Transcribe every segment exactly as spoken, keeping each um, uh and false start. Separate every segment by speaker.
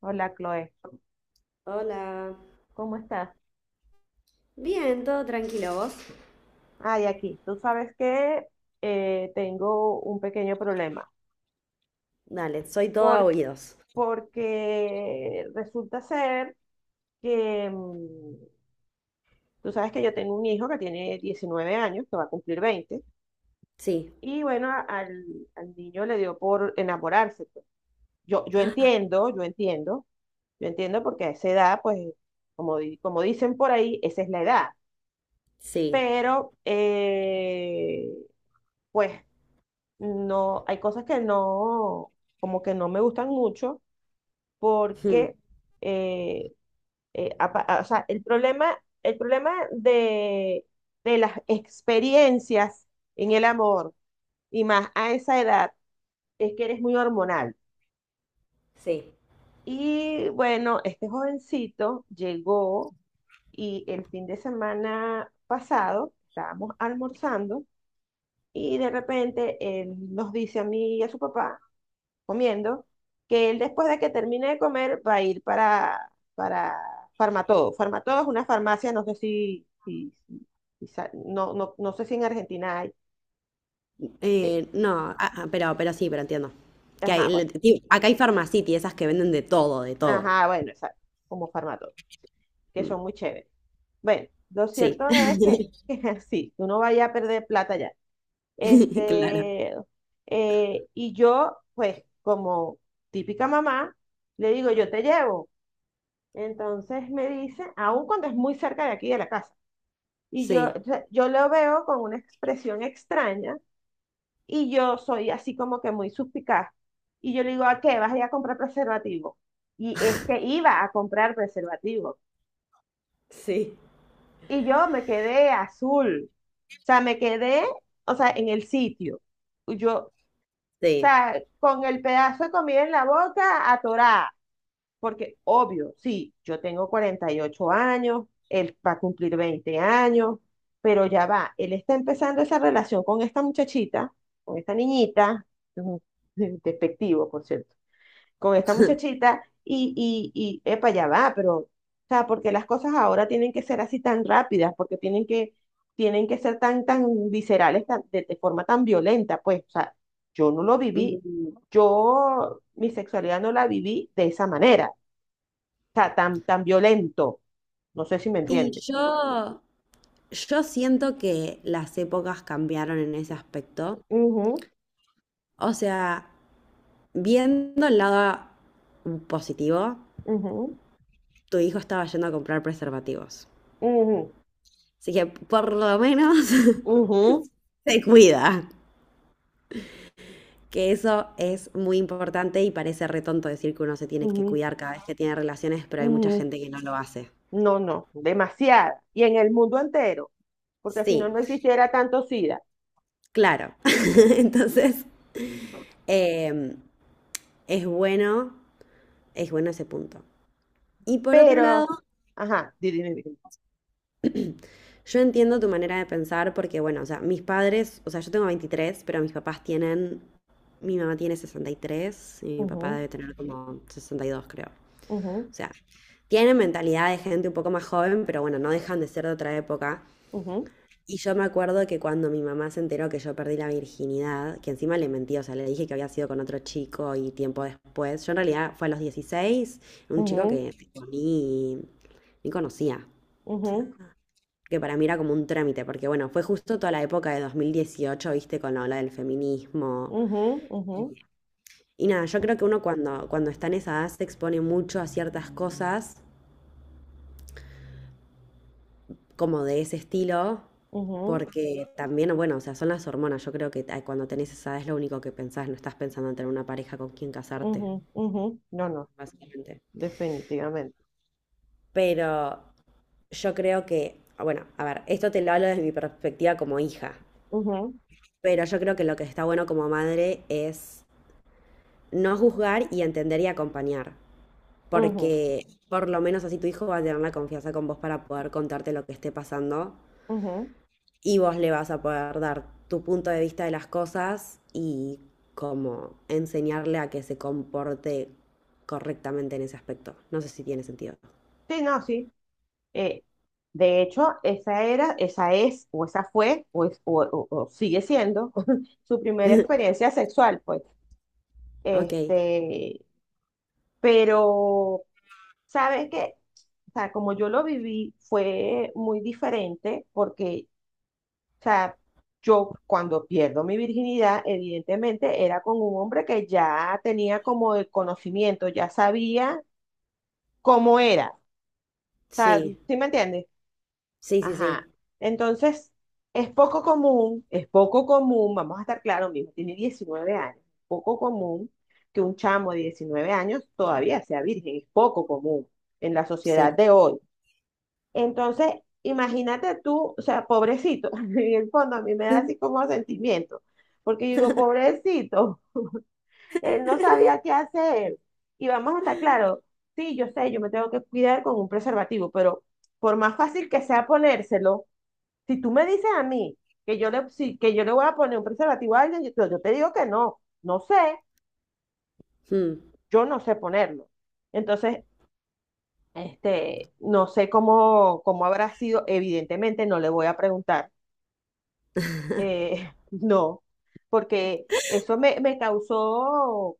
Speaker 1: Hola, Chloe.
Speaker 2: Hola.
Speaker 1: ¿Cómo estás?
Speaker 2: Bien, todo tranquilo, ¿vos?
Speaker 1: Ay, aquí. Tú sabes que eh, tengo un pequeño problema.
Speaker 2: Dale, soy toda
Speaker 1: Por,
Speaker 2: oídos.
Speaker 1: porque resulta ser que mm, tú sabes que yo tengo un hijo que tiene diecinueve años, que va a cumplir veinte.
Speaker 2: Sí.
Speaker 1: Y bueno, a- al, al niño le dio por enamorarse, pues. Yo, yo entiendo, yo entiendo, yo entiendo porque a esa edad, pues, como, di- como dicen por ahí, esa es la edad.
Speaker 2: Sí.
Speaker 1: Pero, eh, pues no, hay cosas que no, como que no me gustan mucho
Speaker 2: Mm.
Speaker 1: porque, eh, eh, apa- a- o sea, el problema, el problema de, de las experiencias en el amor y más a esa edad es que eres muy hormonal.
Speaker 2: Sí.
Speaker 1: Y bueno, este jovencito llegó y el fin de semana pasado estábamos almorzando y de repente él nos dice a mí y a su papá comiendo, que él después de que termine de comer va a ir para, para Farmatodo. Farmatodo es una farmacia, no sé si, si- si- si sa- no, no, no sé si en Argentina hay. eh,
Speaker 2: Eh, no. Ah, ah, pero, pero sí, pero entiendo. Que
Speaker 1: ajá,
Speaker 2: hay, le-
Speaker 1: bueno,
Speaker 2: ti- acá hay Farmacity, esas que venden de todo, de todo.
Speaker 1: ajá, bueno, exacto, como Farmatodo, que
Speaker 2: Mm.
Speaker 1: son muy chéveres. Bueno, lo
Speaker 2: Sí.
Speaker 1: cierto es que, que sí, uno vaya a perder plata ya.
Speaker 2: Claro.
Speaker 1: Este, eh, y yo, pues, como típica mamá, le digo, yo te llevo. Entonces me dice, aun cuando es muy cerca de aquí de la casa, y yo,
Speaker 2: Sí,
Speaker 1: o sea, yo lo veo con una expresión extraña y yo soy así como que muy suspicaz. Y yo le digo, ¿a qué? ¿Vas a ir a comprar preservativo? Y es que iba a comprar preservativo.
Speaker 2: sí,
Speaker 1: Y yo me quedé azul, o sea, me quedé, o sea, en el sitio. Yo, o
Speaker 2: sí.
Speaker 1: sea, con el pedazo de comida en la boca, atorada. Porque, obvio, sí, yo tengo cuarenta y ocho años, él va a cumplir veinte años, pero ya va, él está empezando esa relación con esta muchachita, con esta niñita, ujú, despectivo, por cierto, con esta muchachita, y, y, y, epa, ya va, pero, o sea, porque las cosas ahora tienen que ser así tan rápidas, porque tienen que, tienen que ser tan, tan viscerales, tan- de, de forma tan violenta, pues, o sea, yo no lo viví,
Speaker 2: Mm.
Speaker 1: yo mi sexualidad no la viví de esa manera sea, tan, tan violento. No sé si me
Speaker 2: Y
Speaker 1: entiende.
Speaker 2: yo, yo siento que las épocas cambiaron en ese aspecto.
Speaker 1: Ujú,
Speaker 2: O sea, viendo el lado positivo,
Speaker 1: ujú,
Speaker 2: tu hijo estaba yendo a comprar preservativos.
Speaker 1: ujú,
Speaker 2: Así que por lo menos
Speaker 1: ujú,
Speaker 2: se cuida. Que eso es muy importante y parece retonto decir que uno se tiene que
Speaker 1: ujú,
Speaker 2: cuidar cada vez que tiene relaciones, pero hay mucha
Speaker 1: ujú.
Speaker 2: gente que no lo hace.
Speaker 1: No, no, demasiada. Y en el mundo entero, porque si no, no
Speaker 2: Sí,
Speaker 1: existiera tanto SIDA.
Speaker 2: claro. Entonces, eh, es bueno, es bueno ese punto. Y por otro lado,
Speaker 1: Pero, ajá, di- dime, dime.
Speaker 2: yo entiendo tu manera de pensar porque, bueno, o sea, mis padres, o sea, yo tengo veintitrés, pero mis papás tienen, mi mamá tiene sesenta y tres y tres y mi papá
Speaker 1: Ujú,
Speaker 2: debe tener como sesenta y dos, creo. O
Speaker 1: ujú,
Speaker 2: sea, tienen mentalidad de gente un poco más joven, pero bueno, no dejan de ser de otra época.
Speaker 1: ujú,
Speaker 2: Y yo me acuerdo que cuando mi mamá se enteró que yo perdí la virginidad, que encima le mentí, o sea, le dije que había sido con otro chico y tiempo después, yo en realidad fue a los dieciséis, un chico
Speaker 1: ujú,
Speaker 2: que ni, ni conocía. O sea,
Speaker 1: ujú,
Speaker 2: que para mí era como un trámite, porque bueno, fue justo toda la época de dos mil dieciocho, viste, con la ola del feminismo.
Speaker 1: ujú, ujú,
Speaker 2: Y nada, yo creo que uno cuando, cuando está en esa edad se expone mucho a ciertas cosas como de ese estilo,
Speaker 1: ujú,
Speaker 2: porque también, bueno, o sea, son las hormonas. Yo creo que ah, cuando tenés esa edad es lo único que pensás, no estás pensando en tener una pareja con quien casarte,
Speaker 1: ujú, ujú. No, no,
Speaker 2: básicamente.
Speaker 1: definitivamente.
Speaker 2: Pero yo creo que, bueno, a ver, esto te lo hablo desde mi perspectiva como hija,
Speaker 1: Ujú,
Speaker 2: pero yo creo que lo que está bueno como madre es no juzgar y entender y acompañar,
Speaker 1: ujú,
Speaker 2: porque por lo menos así tu hijo va a tener la confianza con vos para poder contarte lo que esté pasando
Speaker 1: ujú.
Speaker 2: y vos le vas a poder dar tu punto de vista de las cosas y como enseñarle a que se comporte correctamente en ese aspecto. No sé si tiene sentido.
Speaker 1: Sí, no, sí. Eh, de hecho, esa era, esa es, o esa fue, o, es- o- o- o sigue siendo su primera experiencia sexual, pues.
Speaker 2: Ok,
Speaker 1: Este, pero, ¿sabes qué? O sea, como yo lo viví, fue muy diferente porque, o sea, yo cuando pierdo mi virginidad, evidentemente era con un hombre que ya tenía como el conocimiento, ya sabía cómo era. O sea,
Speaker 2: sí,
Speaker 1: ¿sí me entiendes?
Speaker 2: sí, sí, sí,
Speaker 1: Ajá. Entonces, es poco común, es poco común, vamos a estar claros, mi hijo tiene diecinueve años, poco común que un chamo de diecinueve años todavía sea virgen, es poco común en la
Speaker 2: sí.
Speaker 1: sociedad de hoy. Entonces, imagínate tú, o sea, pobrecito, en el fondo a mí me da así como sentimiento, porque yo digo, pobrecito, él no sabía qué hacer. Y vamos a estar claros, sí, yo sé, yo me tengo que cuidar con un preservativo, pero por más fácil que sea ponérselo, si tú me dices a mí que yo le, si- que yo le voy a poner un preservativo a alguien, yo, yo te digo que no, no sé,
Speaker 2: Mm,
Speaker 1: yo no sé ponerlo. Entonces, este, no sé cómo, cómo habrá sido, evidentemente no le voy a preguntar, eh, no, porque eso me, me causó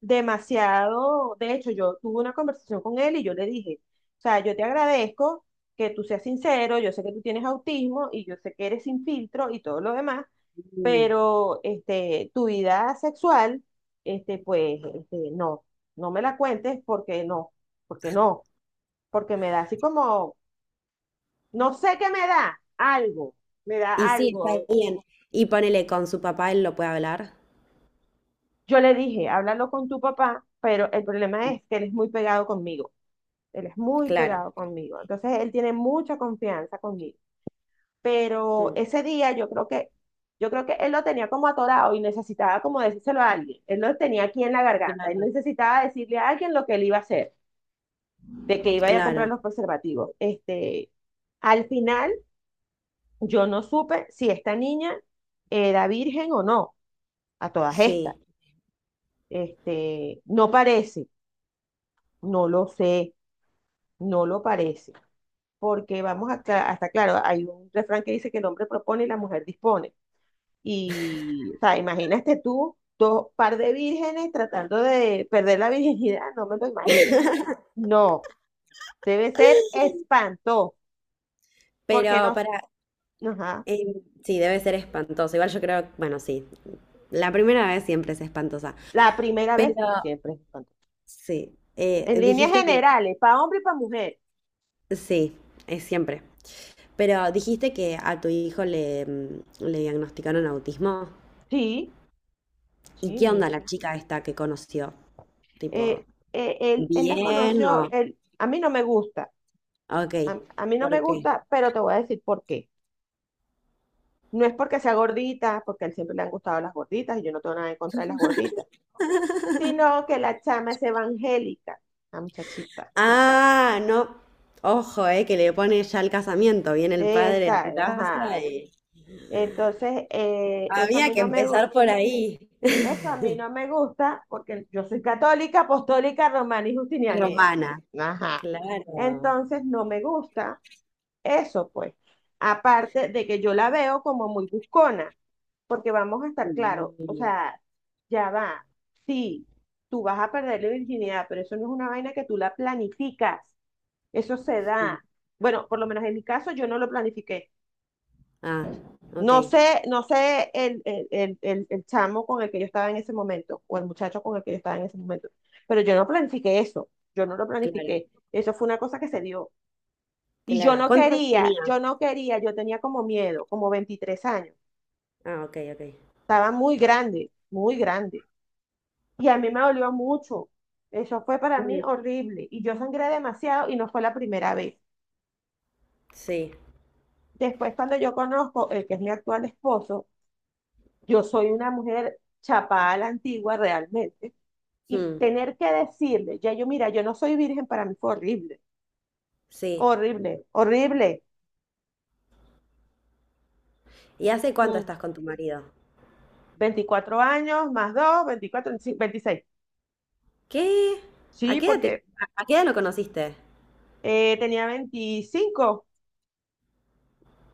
Speaker 1: demasiado. De hecho, yo tuve una conversación con él y yo le dije, o sea, yo te agradezco que tú seas sincero, yo sé que tú tienes autismo y yo sé que eres sin filtro y todo lo demás,
Speaker 2: mm.
Speaker 1: pero este, tu vida sexual, este, pues, este, no, no me la cuentes porque no, porque no, porque me da así como, no sé qué me da, algo, me da
Speaker 2: Y sí, está
Speaker 1: algo.
Speaker 2: bien. Y ponele con su papá, él lo puede hablar.
Speaker 1: Yo le dije, háblalo con tu papá, pero el problema es que él es muy pegado conmigo, él es muy
Speaker 2: Claro.
Speaker 1: pegado conmigo, entonces él tiene mucha confianza conmigo. Pero
Speaker 2: Mm.
Speaker 1: ese día yo creo que, yo creo que él lo tenía como atorado y necesitaba como decírselo a alguien. Él lo tenía aquí en la garganta. Él
Speaker 2: Claro.
Speaker 1: necesitaba decirle a alguien lo que él iba a hacer, de que iba a ir a comprar
Speaker 2: Claro,
Speaker 1: los preservativos. Este, al final, yo no supe si esta niña era virgen o no, a todas estas.
Speaker 2: sí.
Speaker 1: Este, no parece, no lo sé, no lo parece. Porque vamos a, hasta claro, hay un refrán que dice que el hombre propone y la mujer dispone. Y, o sea, imagínate tú, dos par de vírgenes tratando de perder la virginidad, no me lo imagino. No, debe ser espanto, porque
Speaker 2: Pero
Speaker 1: nos,
Speaker 2: para.
Speaker 1: ajá,
Speaker 2: Eh, sí, debe ser espantoso. Igual yo creo, bueno, sí, la primera vez siempre es espantosa.
Speaker 1: la primera
Speaker 2: Pero
Speaker 1: vez siempre es espanto.
Speaker 2: sí, eh,
Speaker 1: En líneas
Speaker 2: dijiste que,
Speaker 1: generales, para hombre y para mujer.
Speaker 2: sí, es siempre. Pero dijiste que a tu hijo le, mm, le diagnosticaron autismo.
Speaker 1: Sí,
Speaker 2: ¿Y
Speaker 1: sí,
Speaker 2: qué
Speaker 1: mi.
Speaker 2: onda la chica esta que conoció? Tipo,
Speaker 1: eh, eh, Él, él las
Speaker 2: ¿bien
Speaker 1: conoció,
Speaker 2: o...?
Speaker 1: él, a mí no me gusta,
Speaker 2: Ok,
Speaker 1: a, a mí no me
Speaker 2: ¿por qué?
Speaker 1: gusta, pero te voy a decir por qué. No es porque sea gordita, porque a él siempre le han gustado las gorditas y yo no tengo nada en contra de las gorditas sino que la chama es evangélica, la muchachita.
Speaker 2: Ah, no. Ojo, eh, que le pone ya el casamiento. Viene el padre a
Speaker 1: Esa,
Speaker 2: tu casa
Speaker 1: ajá.
Speaker 2: y...
Speaker 1: Entonces, eh, eso a
Speaker 2: Había
Speaker 1: mí
Speaker 2: que
Speaker 1: no me
Speaker 2: empezar
Speaker 1: gusta.
Speaker 2: por ahí.
Speaker 1: Eso a mí no me gusta porque yo soy católica, apostólica, romana y justinianea.
Speaker 2: Romana.
Speaker 1: Ajá.
Speaker 2: Claro.
Speaker 1: Entonces, no me gusta eso, pues. Aparte de que yo la veo como muy buscona, porque vamos a estar claros, o
Speaker 2: Mm,
Speaker 1: sea, ya va. Sí, tú vas a perder la virginidad, pero eso no es una vaina que tú la planificas. Eso se
Speaker 2: mm.
Speaker 1: da. Bueno, por lo menos en mi caso, yo no lo planifiqué.
Speaker 2: Ah, ok.
Speaker 1: No sé, no sé el, el, el, el, el chamo con el que yo estaba en ese momento, o el muchacho con el que yo estaba en ese momento, pero yo no planifiqué eso, yo no lo
Speaker 2: Claro,
Speaker 1: planifiqué. Eso fue una cosa que se dio. Y yo
Speaker 2: claro.
Speaker 1: no
Speaker 2: ¿Cuántos años
Speaker 1: quería,
Speaker 2: tenía?
Speaker 1: yo no quería, yo tenía como miedo, como veintitrés años.
Speaker 2: Ah, ok, ok.
Speaker 1: Estaba muy grande, muy grande. Y a mí me dolió mucho. Eso fue para mí
Speaker 2: Mm.
Speaker 1: horrible. Y yo sangré demasiado y no fue la primera vez.
Speaker 2: Sí,
Speaker 1: Después, cuando yo conozco el que es mi actual esposo, yo soy una mujer chapada a la antigua realmente. Y
Speaker 2: mm,
Speaker 1: tener que decirle, ya yo, mira, yo no soy virgen, para mí fue horrible,
Speaker 2: sí.
Speaker 1: horrible, horrible.
Speaker 2: ¿Y hace cuánto
Speaker 1: Mm,
Speaker 2: estás con tu marido?
Speaker 1: veinticuatro años, más dos veinticuatro sí, veintiséis.
Speaker 2: ¿Qué? ¿A
Speaker 1: Sí,
Speaker 2: qué edad te-
Speaker 1: porque
Speaker 2: a a qué edad lo conociste?
Speaker 1: eh, tenía veinticinco,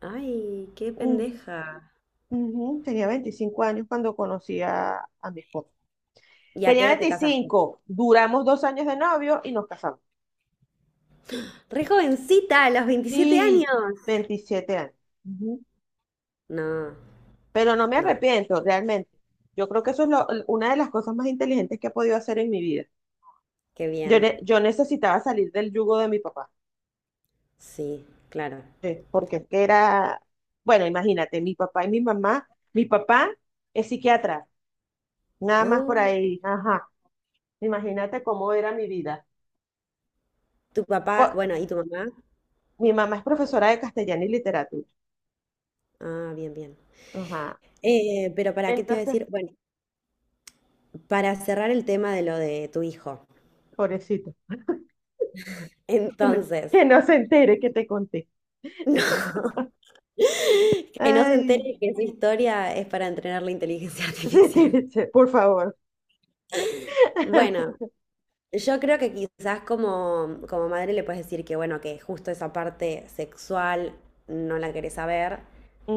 Speaker 2: Ay, qué
Speaker 1: ujú,
Speaker 2: pendeja.
Speaker 1: ujú, tenía veinticinco años cuando conocí a, a mi esposo.
Speaker 2: ¿Y a qué
Speaker 1: Tenía
Speaker 2: edad te casaste?
Speaker 1: veinticinco, duramos dos años de novio y nos casamos.
Speaker 2: Re jovencita, a los veintisiete
Speaker 1: Y
Speaker 2: años.
Speaker 1: veintisiete años. Ujú.
Speaker 2: No,
Speaker 1: Pero no me
Speaker 2: no.
Speaker 1: arrepiento, realmente. Yo creo que eso es lo- una de las cosas más inteligentes que he podido hacer en mi vida.
Speaker 2: Qué
Speaker 1: Yo,
Speaker 2: bien.
Speaker 1: ne- yo necesitaba salir del yugo de mi papá,
Speaker 2: Sí, claro.
Speaker 1: eh, porque es que era, bueno, imagínate, mi papá y mi mamá, mi papá es psiquiatra, nada más por
Speaker 2: Oh,
Speaker 1: ahí, ajá. Imagínate cómo era mi vida.
Speaker 2: tu papá,
Speaker 1: Po-
Speaker 2: bueno, ¿y tu mamá?
Speaker 1: Mi mamá es profesora de castellano y literatura,
Speaker 2: Ah, bien, bien.
Speaker 1: ajá.
Speaker 2: Eh, pero ¿para qué te iba a
Speaker 1: Entonces,
Speaker 2: decir? Bueno, para cerrar el tema de lo de tu hijo.
Speaker 1: pobrecito, que no,
Speaker 2: Entonces,
Speaker 1: que no se entere que te conté.
Speaker 2: no, que no se
Speaker 1: Ay,
Speaker 2: entere que su historia es para entrenar la inteligencia
Speaker 1: sí,
Speaker 2: artificial.
Speaker 1: por favor.
Speaker 2: Bueno, yo creo que quizás como, como madre le puedes decir que, bueno, que justo esa parte sexual no la querés saber,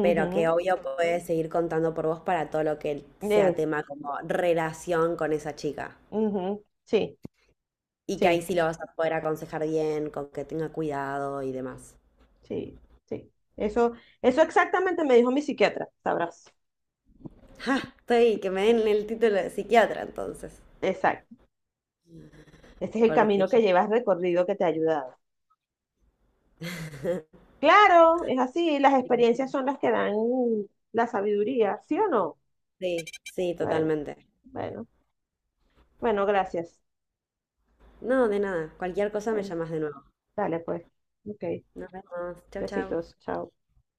Speaker 2: pero que obvio puedes seguir contando por vos para todo lo que sea
Speaker 1: Eso.
Speaker 2: tema como relación con esa chica.
Speaker 1: Ujú, sí,
Speaker 2: Y que ahí
Speaker 1: sí,
Speaker 2: sí lo vas a poder aconsejar bien, con que tenga cuidado y demás.
Speaker 1: sí, sí. Eso, eso exactamente me dijo mi psiquiatra, sabrás.
Speaker 2: ¡Ja! Estoy, que me den el título de psiquiatra entonces.
Speaker 1: Exacto. Este es el
Speaker 2: Porque
Speaker 1: camino que
Speaker 2: yo-
Speaker 1: llevas recorrido que te ha ayudado. Claro, es así, las experiencias son las que dan la sabiduría, ¿sí o no?
Speaker 2: Sí, sí,
Speaker 1: Bueno,
Speaker 2: totalmente.
Speaker 1: bueno, bueno, gracias.
Speaker 2: No, de nada. Cualquier cosa me
Speaker 1: Bueno,
Speaker 2: llamas de nuevo.
Speaker 1: dale pues. Ok,
Speaker 2: Nos vemos. Chau, chau.
Speaker 1: besitos, chao.